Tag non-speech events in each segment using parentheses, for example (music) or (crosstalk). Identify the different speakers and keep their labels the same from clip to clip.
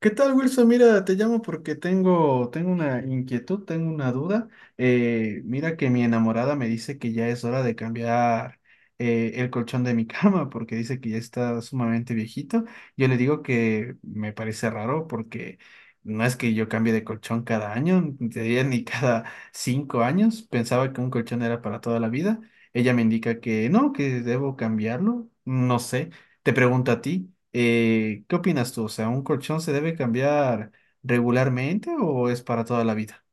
Speaker 1: ¿Qué tal, Wilson? Mira, te llamo porque tengo una inquietud, tengo una duda. Mira que mi enamorada me dice que ya es hora de cambiar el colchón de mi (laughs) cama porque dice que ya está sumamente viejito. Yo le digo que me parece raro porque no es que yo cambie de colchón cada año, ni te diría ni (laughs) cada 5 años. Pensaba que un colchón era para toda la vida. Ella me indica que no, que debo cambiarlo. No sé. Te pregunto a ti, ¿qué opinas tú? O sea, ¿un colchón se debe cambiar regularmente o es para toda la vida?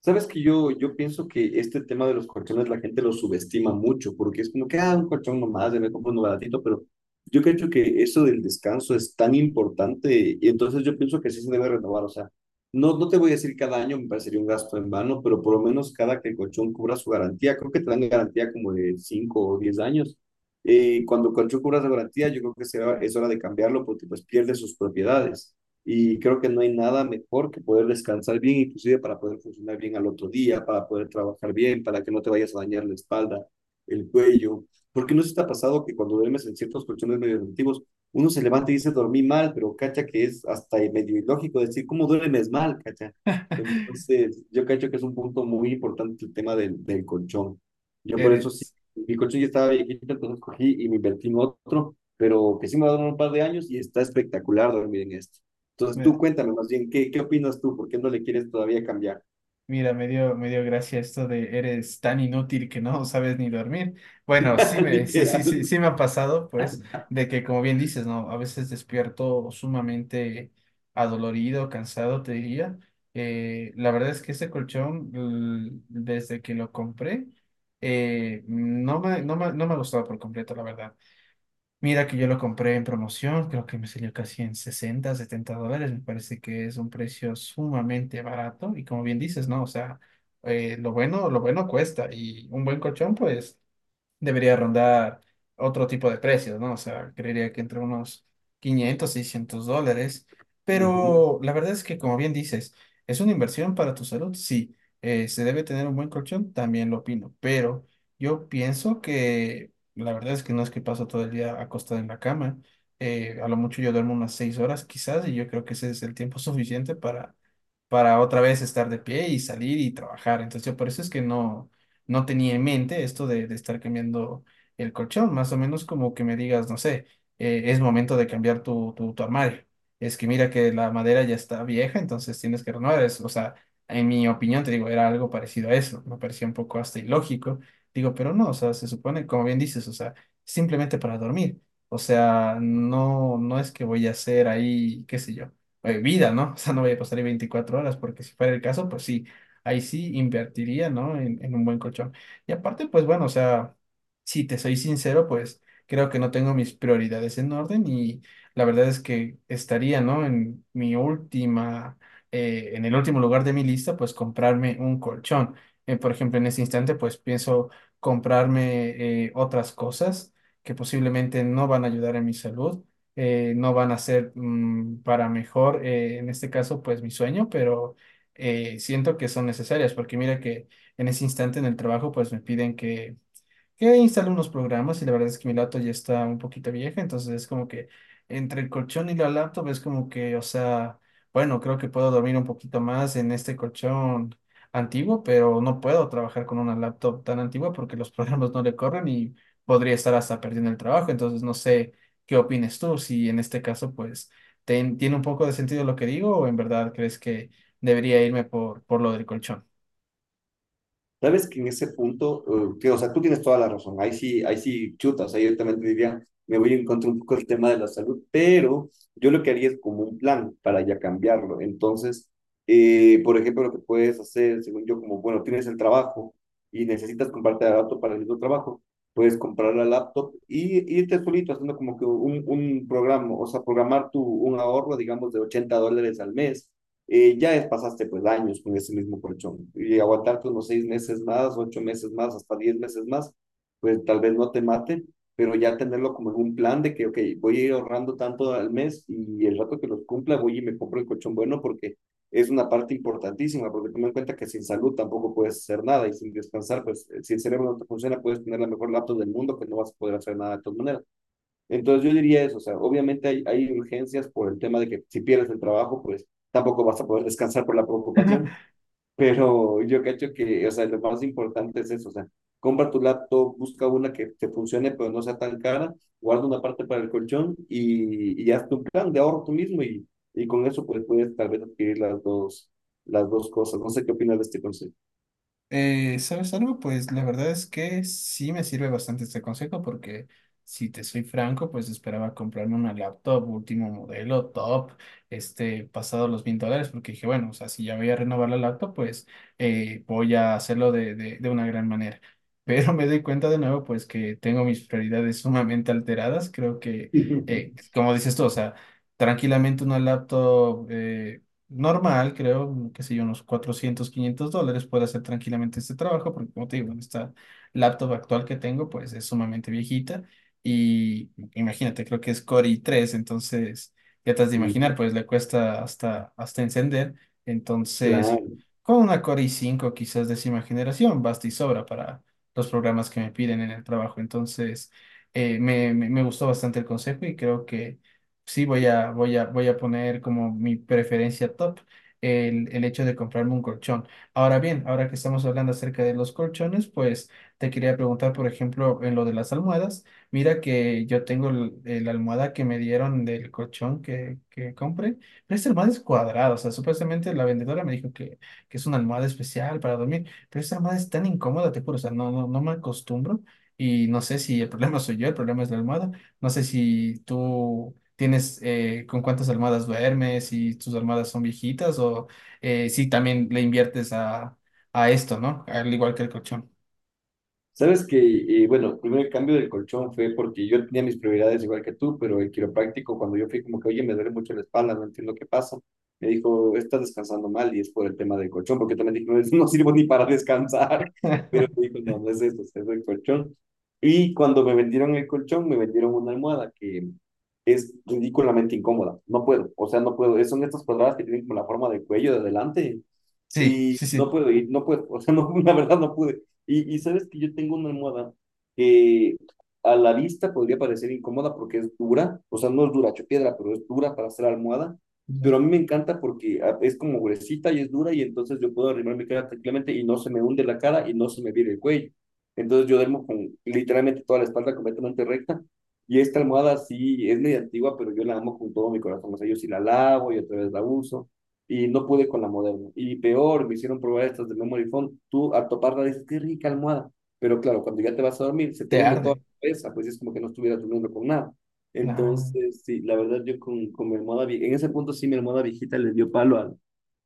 Speaker 2: Sabes que yo pienso que este tema de los colchones la gente lo subestima mucho, porque es como que, ah, un colchón nomás, ya me compro uno baratito, pero yo creo que eso del descanso es tan importante, y entonces yo pienso que sí se debe renovar, o sea, no te voy a decir cada año, me parecería un gasto en vano, pero por lo menos cada que el colchón cubra su garantía, creo que te dan garantía como de 5 o 10 años, cuando el colchón cubra su garantía, yo creo que es hora de cambiarlo porque pues pierde sus propiedades. Y creo que no hay nada mejor que poder descansar bien, inclusive para poder funcionar bien al otro día, para poder trabajar bien, para que no te vayas a dañar la espalda, el cuello. Porque no se te ha pasado que cuando duermes en ciertos colchones medio antiguos, uno se levanta y dice dormí mal, pero cacha que es hasta medio ilógico decir cómo duermes mal, cacha. Entonces, yo cacho que es un punto muy importante el tema del colchón. Yo por eso sí,
Speaker 1: Eres,
Speaker 2: mi colchón ya estaba viejito, entonces cogí y me invertí en otro, pero que sí me va a durar un par de años y está espectacular dormir en este. Entonces
Speaker 1: me-
Speaker 2: tú cuéntame más bien, qué opinas tú? ¿Por qué no le quieres todavía cambiar?
Speaker 1: mira, me dio gracia esto de eres tan inútil que no (laughs) sabes ni dormir. Bueno, sí
Speaker 2: (laughs)
Speaker 1: me, sí, sí, sí,
Speaker 2: Literal.
Speaker 1: sí me ha pasado, pues, de que como bien dices, ¿no? A veces despierto sumamente adolorido, cansado, te diría. La verdad es que este colchón, desde que lo compré, no me ha gustado por completo, la verdad. Mira que yo lo compré en promoción, creo que me salió casi en 60, $70, me parece que es un precio sumamente barato y como bien dices, ¿no? O sea, lo bueno cuesta y un buen colchón pues debería rondar otro tipo de precios, ¿no? O sea, creería que entre unos 500, $600.
Speaker 2: Ujú.
Speaker 1: Pero la verdad es que, como bien dices, es una inversión para tu salud, sí. ¿Se debe tener un buen colchón? También lo opino. Pero yo pienso que la verdad es que no es que paso todo el día acostado en la cama. A lo mucho yo duermo unas 6 horas quizás y yo creo que ese es el tiempo (laughs) suficiente para, otra vez estar de pie y salir y trabajar. Entonces, yo por eso es que no tenía en mente esto de estar cambiando el colchón, más o menos como que me digas, no sé, es momento de cambiar tu armario. Es que mira que la madera ya está vieja, entonces tienes que renovar eso. O sea, en mi opinión, te digo, era algo parecido a eso. Me parecía un poco hasta ilógico. Digo, pero no, o sea, se supone, como bien dices, o sea, simplemente para dormir. O sea, no es que voy a hacer ahí, qué sé yo, vida, ¿no? (laughs) O sea, no voy a pasar ahí 24 horas, porque si fuera el caso, pues sí ahí sí invertiría, ¿no? En un buen colchón. Y aparte, pues bueno, o sea, si te soy sincero, pues creo que no tengo mis prioridades en orden y la verdad es que estaría, ¿no? En el último lugar de mi lista, pues comprarme un colchón. Por ejemplo, en este instante, pues pienso comprarme otras cosas que posiblemente no van a ayudar en mi salud. No van a ser para mejor, en este caso, pues mi sueño, pero siento que son necesarias, porque mira que en ese instante en el trabajo pues me piden que instalé unos programas y la verdad es que mi laptop ya está un poquito vieja, entonces es como que entre el colchón y la laptop es como que, o sea, bueno, creo que puedo dormir un poquito más en este colchón antiguo, pero no puedo trabajar con una laptop tan antigua porque los (laughs) programas no le corren y podría estar hasta perdiendo el trabajo, entonces no sé qué opines tú, si en este caso pues tiene un poco de sentido lo que digo o en verdad crees que debería irme por lo del colchón.
Speaker 2: Sabes que en ese punto, tío, o sea, tú tienes toda la razón, ahí sí chuta, o sea, yo también te diría, me voy a encontrar un poco el tema de la salud, pero yo lo que haría es como un plan para ya cambiarlo. Entonces, por ejemplo, lo que puedes hacer, según yo, como, bueno, tienes el trabajo y necesitas comprarte la laptop para el mismo trabajo, puedes comprar la laptop y irte solito haciendo como que un programa, o sea, programar un ahorro, digamos, de $80 al mes. Ya pasaste pues años con ese mismo colchón y aguantarte unos 6 meses más, 8 meses más, hasta 10 meses más, pues tal vez no te mate, pero ya tenerlo como en un plan de que, ok, voy a ir ahorrando tanto al mes y el rato que los cumpla voy y me compro el colchón bueno porque es una parte importantísima, porque toma en cuenta que sin salud tampoco puedes hacer nada y sin descansar, pues si el cerebro no te funciona, puedes tener la mejor laptop del mundo, que no vas a poder hacer nada de todas maneras. Entonces yo diría eso, o sea, obviamente hay urgencias por el tema de que si pierdes el trabajo, pues tampoco vas a poder descansar por la preocupación, pero yo cacho que, o sea, lo más importante es eso, o sea, compra tu laptop, busca una que te funcione, pero no sea tan cara, guarda una parte para el colchón y haz tu plan de ahorro tú mismo y con eso pues puedes tal vez adquirir las dos cosas. No sé qué opinas de este consejo.
Speaker 1: ¿Sabes algo? Pues la verdad es que sí me sirve bastante este consejo porque si te soy franco, pues esperaba comprarme una laptop último modelo, top, pasado los $1.000, porque dije, bueno, o sea, si ya voy a renovar la laptop, pues voy a hacerlo de una gran manera. (laughs) Pero me doy cuenta de nuevo, pues que tengo mis prioridades sumamente alteradas. Creo que,
Speaker 2: (laughs)
Speaker 1: como dices tú, o sea, tranquilamente una laptop, normal, creo, qué sé yo, unos 400 $500, puedo hacer tranquilamente este trabajo, porque como te digo, en esta laptop actual que tengo, pues es sumamente viejita y imagínate, creo que es Core i3, entonces ya te has de
Speaker 2: Mm,
Speaker 1: imaginar, pues le cuesta hasta encender, entonces
Speaker 2: Claro.
Speaker 1: con una Core i5, quizás décima generación, basta y sobra para los programas que me piden en el trabajo, entonces me gustó bastante el consejo y creo que sí voy a poner como mi preferencia top el hecho de comprarme un colchón. Ahora bien, ahora que estamos hablando acerca de los colchones, pues te quería preguntar, por ejemplo, en lo de las almohadas. Mira que yo tengo la almohada que me dieron del colchón que compré, pero esta almohada es cuadrada, o sea, supuestamente la vendedora me dijo que es una almohada especial para dormir, pero esta almohada es tan incómoda, te juro, o sea, no me acostumbro. Y no sé si el problema (laughs) soy yo, el problema es la almohada. No sé si tú tienes con cuántas almohadas duermes, si tus almohadas son viejitas o si también le inviertes a, esto, ¿no? Al igual que el colchón.
Speaker 2: Sabes que, bueno, primero el primer cambio del colchón fue porque yo tenía mis prioridades igual que tú, pero el quiropráctico, cuando yo fui como que, oye, me duele mucho la espalda, no entiendo qué pasa, me dijo, estás descansando mal y es por el tema del colchón, porque también dije, no, (laughs) no sirvo ni para descansar, (laughs) pero
Speaker 1: (laughs)
Speaker 2: me dijo, no, no es eso, es el colchón. Y cuando me vendieron el colchón, me vendieron una almohada que es ridículamente incómoda, no puedo, o sea, no puedo, son estas cuadradas que tienen como la forma del cuello de adelante,
Speaker 1: Sí,
Speaker 2: y
Speaker 1: sí,
Speaker 2: no
Speaker 1: sí.
Speaker 2: puedo ir, no puedo, o sea, no, (laughs) la verdad no pude. Y sabes que yo tengo una almohada que a la vista podría parecer incómoda porque es dura, o sea, no es dura, hecho piedra, pero es dura para hacer almohada.
Speaker 1: Ya.
Speaker 2: Pero a mí me encanta porque ah, es como gruesita y es dura y entonces yo puedo arrimar mi cara tranquilamente y no se me hunde la cara y no se me vira el cuello. Entonces yo duermo con literalmente toda la espalda completamente recta. Y esta almohada sí es medio antigua, pero yo la amo con todo mi corazón. O sea, yo sí la lavo y otra vez la uso y no pude con la moderna. Y peor, me hicieron probar estas de memory foam. Tú al toparla dices, qué rica almohada. Pero claro, cuando ya te vas a dormir, se te
Speaker 1: Te
Speaker 2: hunde toda
Speaker 1: arde.
Speaker 2: la cabeza, pues es como que no estuvieras durmiendo con nada.
Speaker 1: Claro.
Speaker 2: Entonces, sí, la verdad yo con mi almohada, en ese punto sí mi almohada viejita le dio palo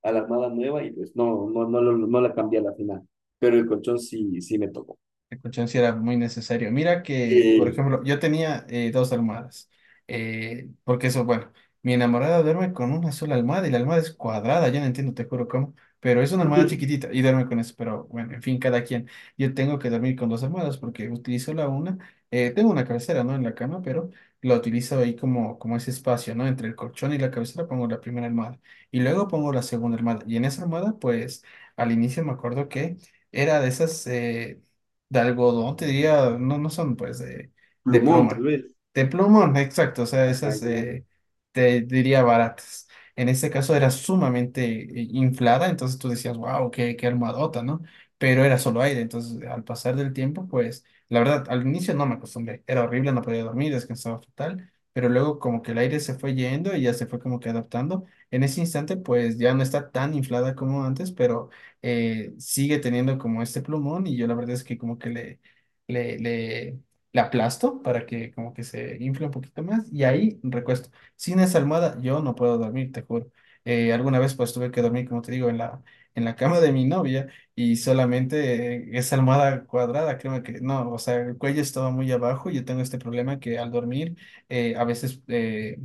Speaker 2: a la almohada nueva y pues no, no la cambié a la final. Pero el colchón sí, sí me tocó.
Speaker 1: La colchón sí era muy necesario. Mira que, por
Speaker 2: Sí.
Speaker 1: ejemplo, yo tenía dos almohadas. Porque eso, bueno, mi enamorada duerme con una sola almohada y la almohada es cuadrada, yo no entiendo, te juro cómo, pero es una almohada
Speaker 2: (laughs)
Speaker 1: chiquitita y duerme con eso. Pero bueno, en fin, cada quien. Yo tengo que dormir con dos almohadas porque utilizo la una. Tengo una cabecera, ¿no? En la cama, pero la utilizo ahí como, ese espacio, ¿no? Entre el colchón y la cabecera pongo la primera almohada y luego pongo la segunda almohada. Y en esa almohada, pues, al inicio me acuerdo que era de esas, de algodón, te diría, no son pues de
Speaker 2: Plumón, tal
Speaker 1: pluma.
Speaker 2: vez.
Speaker 1: De pluma, exacto, o sea,
Speaker 2: Ajá,
Speaker 1: esas
Speaker 2: ya.
Speaker 1: te diría baratas. En este caso era sumamente inflada, entonces tú decías, wow, qué almohadota, ¿no? Pero era solo aire, entonces al pasar del tiempo, pues la verdad, al inicio no me acostumbré, era horrible, no podía dormir, descansaba fatal, pero luego como que el aire se fue yendo y ya se fue como que adaptando. En ese instante, pues ya no está tan inflada como antes, pero sigue teniendo como este plumón y yo la verdad es que como que le, le, le aplasto para que como que se infle un poquito más y ahí recuesto. Sin esa almohada yo no puedo dormir, te juro. Alguna vez pues tuve que dormir, como te digo, en la, cama de mi novia y solamente esa almohada cuadrada, creo que no, o sea, el cuello estaba muy abajo y yo tengo este problema que al dormir a veces, eh,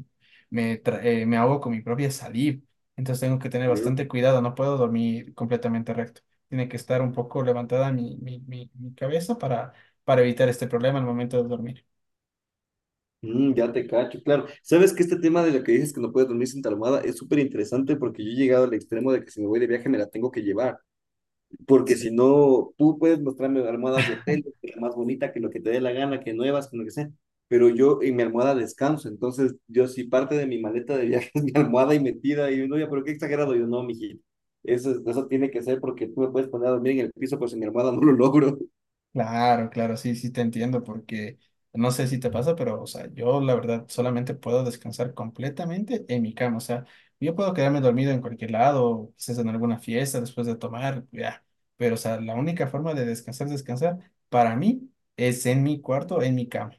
Speaker 1: me, tra- eh, me ahogo con mi propia saliva. Entonces tengo que tener
Speaker 2: ¿No?
Speaker 1: bastante cuidado, no puedo dormir completamente recto. Tiene que estar un poco levantada mi cabeza para evitar este problema al momento de dormir.
Speaker 2: Mm, ya te cacho, claro. Sabes que este tema de lo que dices que no puedes dormir sin tu almohada es súper interesante porque yo he llegado al extremo de que si me voy de viaje me la tengo que llevar, porque
Speaker 1: Sí.
Speaker 2: si no, tú puedes mostrarme almohadas de hotel, que la más bonita, que lo que te dé la gana, que nuevas, que lo que sea, pero yo en mi almohada descanso, entonces yo sí parte de mi maleta de viaje (laughs) es mi almohada y metida y uno ya, pero qué exagerado, yo no, mijito. Eso, eso tiene que ser porque tú me puedes poner a dormir en el piso, pero sin mi almohada no lo logro. (laughs)
Speaker 1: Claro, claro, sí, sí te entiendo porque no sé si te pasa, pero o sea, yo la verdad solamente puedo descansar completamente en mi cama. O sea, yo puedo quedarme dormido en cualquier lado, quizás en alguna fiesta después de tomar, ya. Pero o sea, la única forma de descansar, descansar, para mí es en mi cuarto, en mi cama.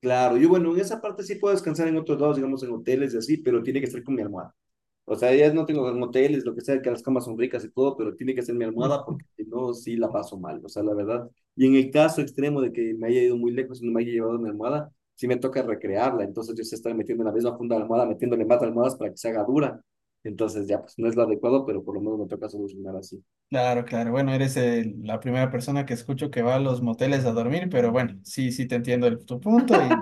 Speaker 2: Claro, yo bueno, en esa parte sí puedo descansar en otros lados, digamos en hoteles y así, pero tiene que ser con mi almohada. O sea, ya no tengo en lo que sea, que las camas son ricas y todo, pero tiene que ser mi almohada
Speaker 1: (laughs)
Speaker 2: porque si no, sí la paso mal. O sea, la verdad. Y en el caso extremo de que me haya ido muy lejos y no me haya llevado mi almohada, sí me toca recrearla. Entonces yo sé estar metiendo en la misma funda de la almohada, metiéndole más almohadas para que se haga dura. Entonces ya, pues no es lo adecuado, pero por lo menos me toca solucionar así.
Speaker 1: Claro, claro. Bueno, eres la primera persona que escucho que va a los moteles a dormir, pero bueno, sí, sí te entiendo tu punto y...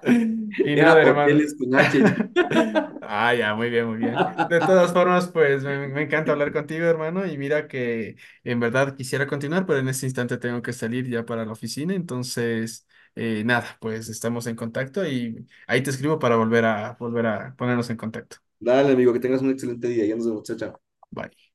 Speaker 1: (laughs) Y nada,
Speaker 2: Era
Speaker 1: hermano.
Speaker 2: hoteles con H.
Speaker 1: (laughs) Ah, ya, muy bien, muy bien. De
Speaker 2: (laughs)
Speaker 1: todas formas, pues me encanta hablar contigo, hermano. Y mira que en verdad quisiera continuar, pero en este instante tengo que salir ya para la oficina. Entonces, nada, pues estamos en contacto y ahí te escribo para volver a ponernos en contacto.
Speaker 2: Dale, amigo, que tengas un excelente día. Ya nos vemos, chao, chao.
Speaker 1: Bye.